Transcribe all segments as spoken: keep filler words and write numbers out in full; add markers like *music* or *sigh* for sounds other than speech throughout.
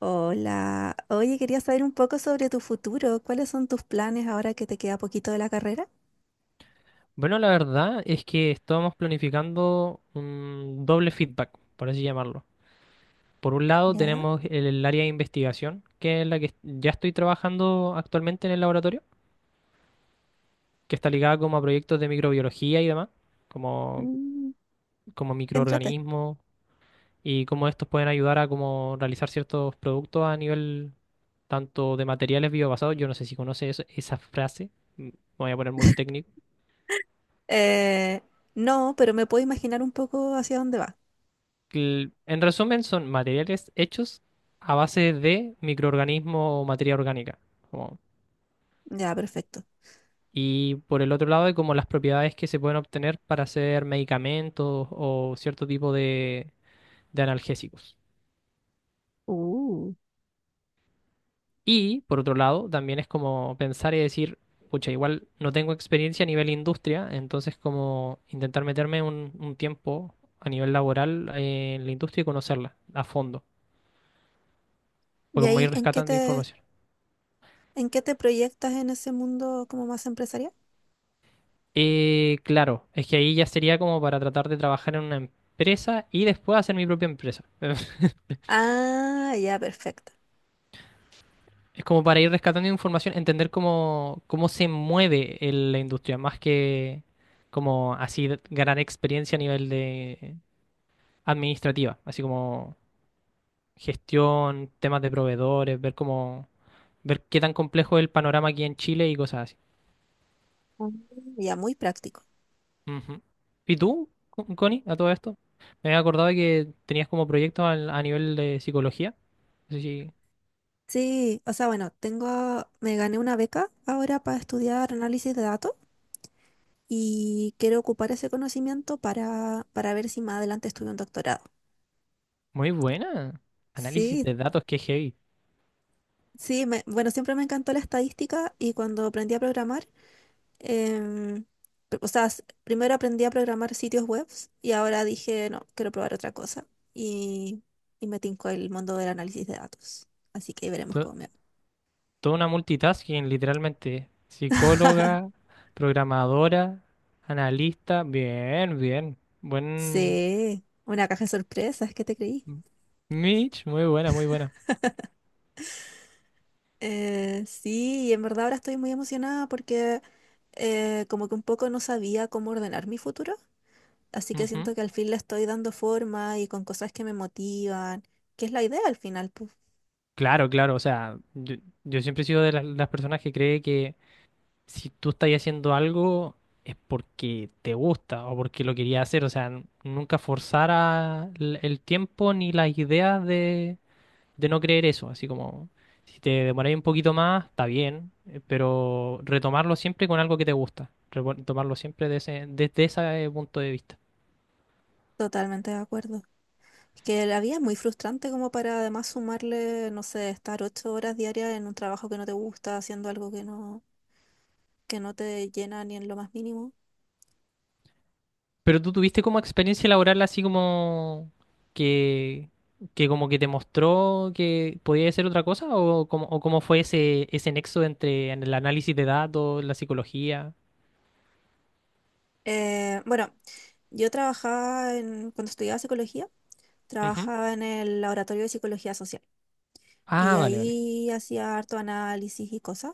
Hola, oye, quería saber un poco sobre tu futuro. ¿Cuáles son tus planes ahora que te queda poquito de la carrera? Bueno, la verdad es que estábamos planificando un doble feedback, por así llamarlo. Por un lado Ya. tenemos el, el área de investigación, que es la que est- ya estoy trabajando actualmente en el laboratorio, que está ligada como a proyectos de microbiología y demás, como, Mm. como Qué entrete. microorganismos y cómo estos pueden ayudar a como realizar ciertos productos a nivel tanto de materiales biobasados. Yo no sé si conoces eso- esa frase, mm, me voy a poner muy técnico. Eh, no, pero me puedo imaginar un poco hacia dónde va. cl- En resumen, son materiales hechos a base de microorganismo o materia orgánica. como- Ya, perfecto. y por el otro lado, hay como las propiedades que se pueden obtener para hacer medicamentos o cierto tipo de, de analgésicos. Uh. Y por otro lado, también es como pensar y decir, pucha, igual no tengo experiencia a nivel industria, entonces como intentar meterme un, un tiempo a nivel laboral eh, en la industria y conocerla a fondo, pues ¿Y como ahí ir en qué rescatando te, información. en qué te proyectas en ese mundo como más empresarial? Eh, claro, es que ahí ya sería como para tratar de trabajar en una empresa y después hacer mi propia empresa. *laughs* Ah, ya, perfecto. Es como para ir rescatando información, entender cómo, cómo se mueve el- la industria, más que como así de- ganar experiencia a nivel de administrativa, así como gestión, temas de proveedores, ver cómo, ver qué tan complejo es el panorama aquí en Chile y cosas así. Ah, ya, muy práctico. Ujú. ¿Y tú, Con- Connie, a todo esto? Me había acordado de que tenías como proyectos al- a nivel de psicología. Sí, Sí, o sea, bueno, tengo, me gané una beca ahora para estudiar análisis de datos. Y quiero ocupar ese conocimiento para, para ver si más adelante estudio un doctorado. muy buena. Análisis Sí, de datos, qué heavy. sí, me- bueno, siempre me encantó la estadística y cuando aprendí a programar, em, pr- o sea, s- primero aprendí a programar sitios web y ahora dije, no, quiero probar otra cosa y, y me tincó el mundo del análisis de datos. Así que ahí veremos To- cómo me va. Toda una multitasking, literalmente. Psicóloga, *laughs* programadora, analista. Bien, bien. Buen. Sí, una caja de sorpresas, ¿qué te creí? Mitch, muy buena, muy buena. Eh, sí, y en verdad ahora estoy muy emocionada porque eh, como que un poco no sabía cómo ordenar mi futuro, así que Ujú. siento que al fin le estoy dando forma y con cosas que me motivan, que es la idea al final, pues, Claro, claro. O sea, yo, yo siempre he sido de las, las personas que cree que si tú estás haciendo algo es porque te gusta o porque lo querías hacer. O sea, n- nunca forzar a l- el tiempo ni las ideas de no creer eso, así como si te demoráis un poquito más, está bien, eh, pero retomarlo siempre con algo que te gusta, repo- retomarlo siempre de ese- desde ese punto de vista. totalmente de acuerdo. Es que la vida es muy frustrante como para además sumarle, no sé, estar ocho horas diarias en un trabajo que no te gusta, haciendo algo que no, que no te llena ni en lo más mínimo. Pero tú tuviste como experiencia laboral así como que, que como que te mostró que podía ser otra cosa o cómo, o cómo fue ese, ese nexo entre el análisis de datos, la psicología. Eh, bueno, yo trabajaba en, cuando estudiaba psicología, Ujú. trabajaba en el laboratorio de psicología social. Y Ah, vale, vale, ahí hacía harto análisis y cosas.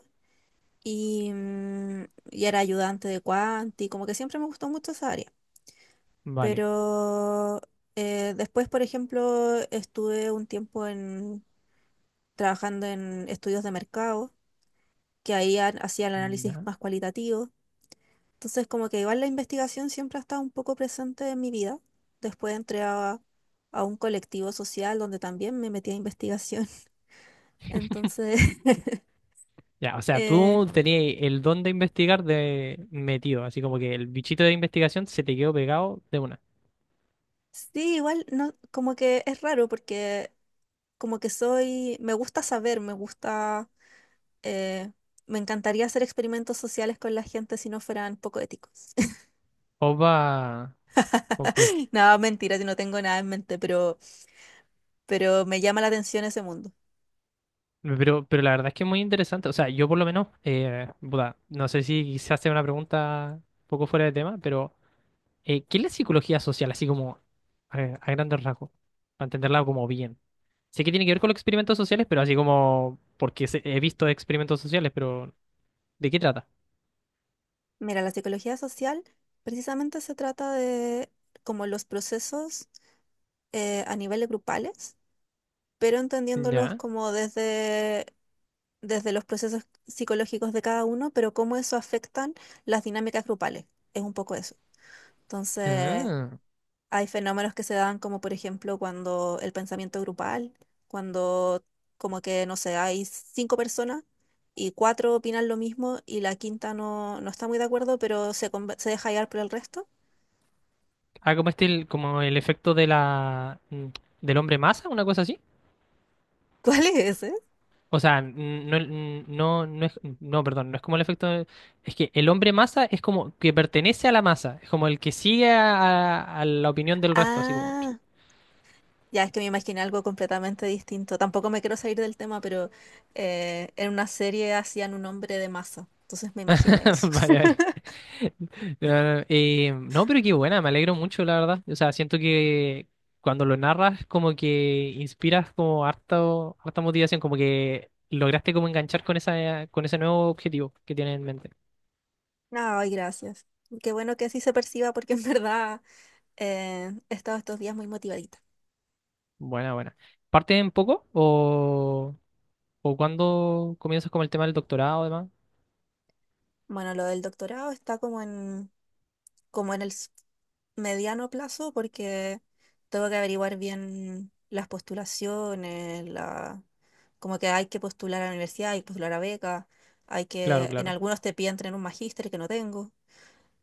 Y, mm, y era ayudante de cuanti, como que siempre me gustó mucho esa área. vale. Pero eh, después, por ejemplo, estuve un tiempo en, trabajando en estudios de mercado, que ahí ha- hacía el análisis más cualitativo. Entonces, como que igual la investigación siempre ha estado un poco presente en mi vida. Después entré a, a, un colectivo social donde también me metí a investigación. *laughs* Entonces, *laughs* Ya, o sea, eh, tú tenías el don de investigar de metido, así como que el bichito de investigación se te quedó pegado de una. sí, igual no, como que es raro porque como que soy, me gusta saber, me gusta, eh, me encantaría hacer experimentos sociales con la gente si no fueran poco éticos. *laughs* Opa, complejo. No, mentira, yo no tengo nada en mente, pero, pero me llama la atención ese mundo. Pero, pero la verdad es que es muy interesante. O sea, yo por lo menos, eh, puta, no sé si quizás sea una pregunta un poco fuera de tema, pero eh, ¿qué es la psicología social? Así como a, a grandes rasgos, para entenderla como bien. Sé que tiene que ver con los experimentos sociales, pero así como porque se- he visto experimentos sociales, pero ¿de qué trata? Mira, la psicología social precisamente se trata de como los procesos eh, a niveles grupales, pero entendiéndolos Ya. como desde desde los procesos psicológicos de cada uno, pero cómo eso afectan las dinámicas grupales. Es un poco eso. Entonces, Ah. hay fenómenos que se dan como por ejemplo cuando el pensamiento grupal, cuando como que, no sé, hay cinco personas y cuatro opinan lo mismo y la quinta no, no está muy de acuerdo, pero se, conven- se deja llevar por el resto. Ah, como este, el- como el efecto de la mm, del hombre masa, una cosa así. *laughs* ¿Cuál es ese? O sea, n- no, n- no, no es, no, perdón, no es como el efecto. de- Es que el hombre masa es como que pertenece a la masa, es como el que sigue a, a la opinión del resto, así como. Ah, ya es que me imaginé algo completamente distinto. Tampoco me quiero salir del tema, pero eh, en una serie hacían un hombre de masa. Entonces me *laughs* imaginé eso. Vale, *laughs* vale. No, no, no, eh, no, pero qué buena, me alegro mucho, la verdad. O sea, siento que cuando lo narras, como que inspiras como harto, harta motivación, como que lograste como enganchar con esa, con ese nuevo objetivo que tienes en mente. Ay, gracias. Qué bueno que así se perciba porque en *laughs* verdad eh, he estado estos días muy motivadita. Buena, buena. ¿Parte en poco? ¿O, o cuándo comienzas con el tema del doctorado, además? Bueno, lo del doctorado está como en, como en el s- mediano plazo porque tengo que averiguar bien las postulaciones, la, como que hay que postular a la universidad, hay que postular a becas, hay Claro, que, en claro. algunos te piden tener un magíster que no tengo.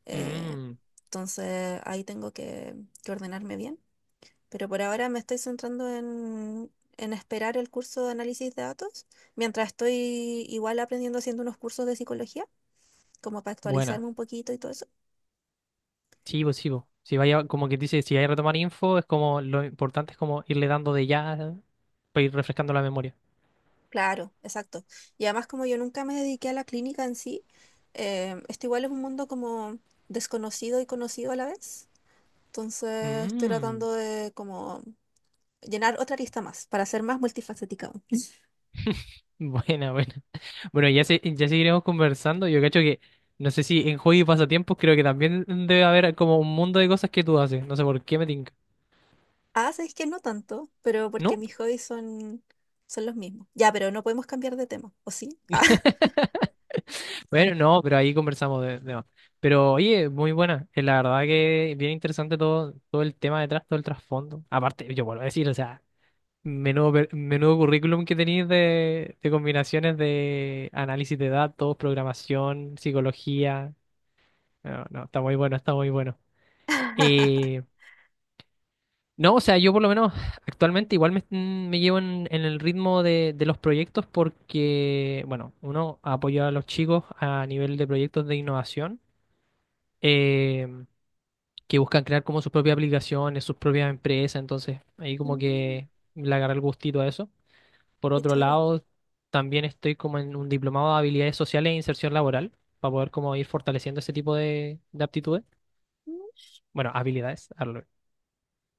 Eh, Mm, entonces ahí tengo que, que ordenarme bien. Pero por ahora me estoy centrando en, en, esperar el curso de análisis de datos, mientras estoy igual aprendiendo haciendo unos cursos de psicología, como para buena. actualizarme un poquito y todo eso. Sí, pues sí, pues. Si vaya, como que dice, si hay que retomar info, es como lo importante es como irle dando de ya para ir refrescando la memoria. Claro, exacto. Y además como yo nunca me dediqué a la clínica en sí, eh, esto igual es un mundo como desconocido y conocido a la vez. Entonces estoy Mm, tratando de como llenar otra lista más para ser más multifacética. *laughs* buena, buena. Bueno, ya, se, ya seguiremos conversando. Yo cacho que, no sé si en hobby y pasatiempos, creo que también debe haber como un mundo de cosas que tú haces. No sé por qué me tinca. Ah, sabéis que no tanto, pero porque ¿No? mis hobbies son, son los mismos. Ya, pero no podemos cambiar de tema, ¿o sí? Ah, *laughs* *laughs* Bueno, no, pero ahí conversamos de, de más. Pero oye, muy buena. Eh, La verdad que bien interesante todo, todo el tema detrás, todo el trasfondo. Aparte, yo vuelvo a decir, o sea, menudo, per- menudo currículum que tenéis de, de combinaciones de análisis de datos, programación, psicología. No, no, está muy bueno, está muy bueno. Eh, no, o sea, yo por lo menos actualmente igual me, mm, me llevo en, en el ritmo de, de los proyectos porque, bueno, uno apoya a los chicos a nivel de proyectos de innovación. eh, que buscan crear como sus propias aplicaciones, sus propias empresas, entonces ahí como Mm, que le agarré el gustito a eso. Por qué otro choro. lado, también estoy como en un diplomado de habilidades sociales e inserción laboral, para poder como ir fortaleciendo ese tipo de, de aptitudes, Mm. bueno, habilidades, hazlo.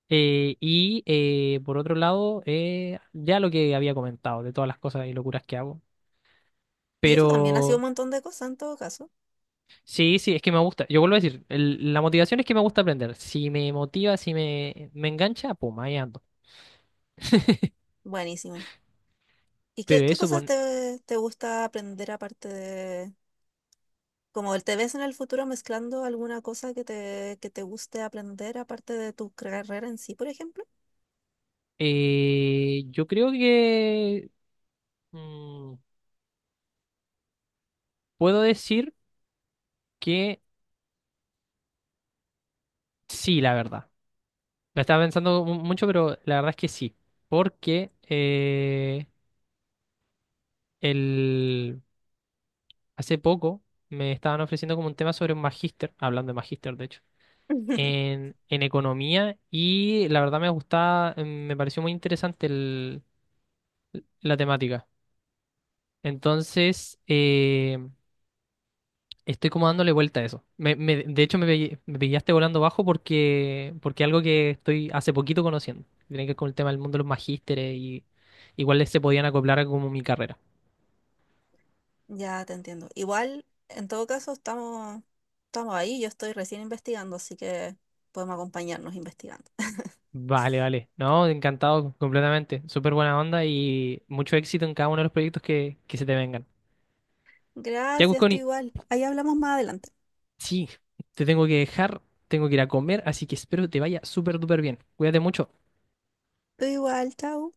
Eh, y eh, por otro lado, eh, ya lo que había comentado, de todas las cosas y locuras que hago. Sí, tú también has sido un Pero montón de cosas en todo caso. sí, sí, es que me gusta. Yo vuelvo a decir, el- la motivación es que me gusta aprender. Si me motiva, si me, me engancha, pum, ahí ando. Buenísimo. ¿Y qué, Pero qué eso, cosas pon- te, te gusta aprender aparte de... Como el te ves en el futuro mezclando alguna cosa que te, que te guste aprender aparte de tu carrera en sí, por ejemplo? eh, yo creo que mm, puedo decir que sí, la verdad. La estaba pensando mu- mucho, pero la verdad es que sí. Porque eh, el, hace poco me estaban ofreciendo como un tema sobre un magíster, hablando de magíster, de hecho, *laughs* en, en economía y la verdad me gustaba, em, me pareció muy interesante el- la temática. Entonces, eh, estoy como dándole vuelta a eso. Me- me- de hecho, me, pe- me pillaste volando bajo porque, porque algo que estoy hace poquito conociendo que tiene que ver con el tema del mundo de los magísteres y igual se podían acoplar a como mi carrera. Ya te entiendo. Igual, en todo caso, estamos, estamos ahí. Yo estoy recién investigando, así que podemos acompañarnos investigando. Vale, vale. No, encantado completamente. Súper buena onda y mucho éxito en cada uno de los proyectos que, que se te vengan. Ya, Gracias, tú Cusconi, igual. Ahí hablamos más adelante. sí, te tengo que dejar, tengo que ir a comer, así que espero te vaya súper duper bien. Cuídate mucho. Tú igual, chao.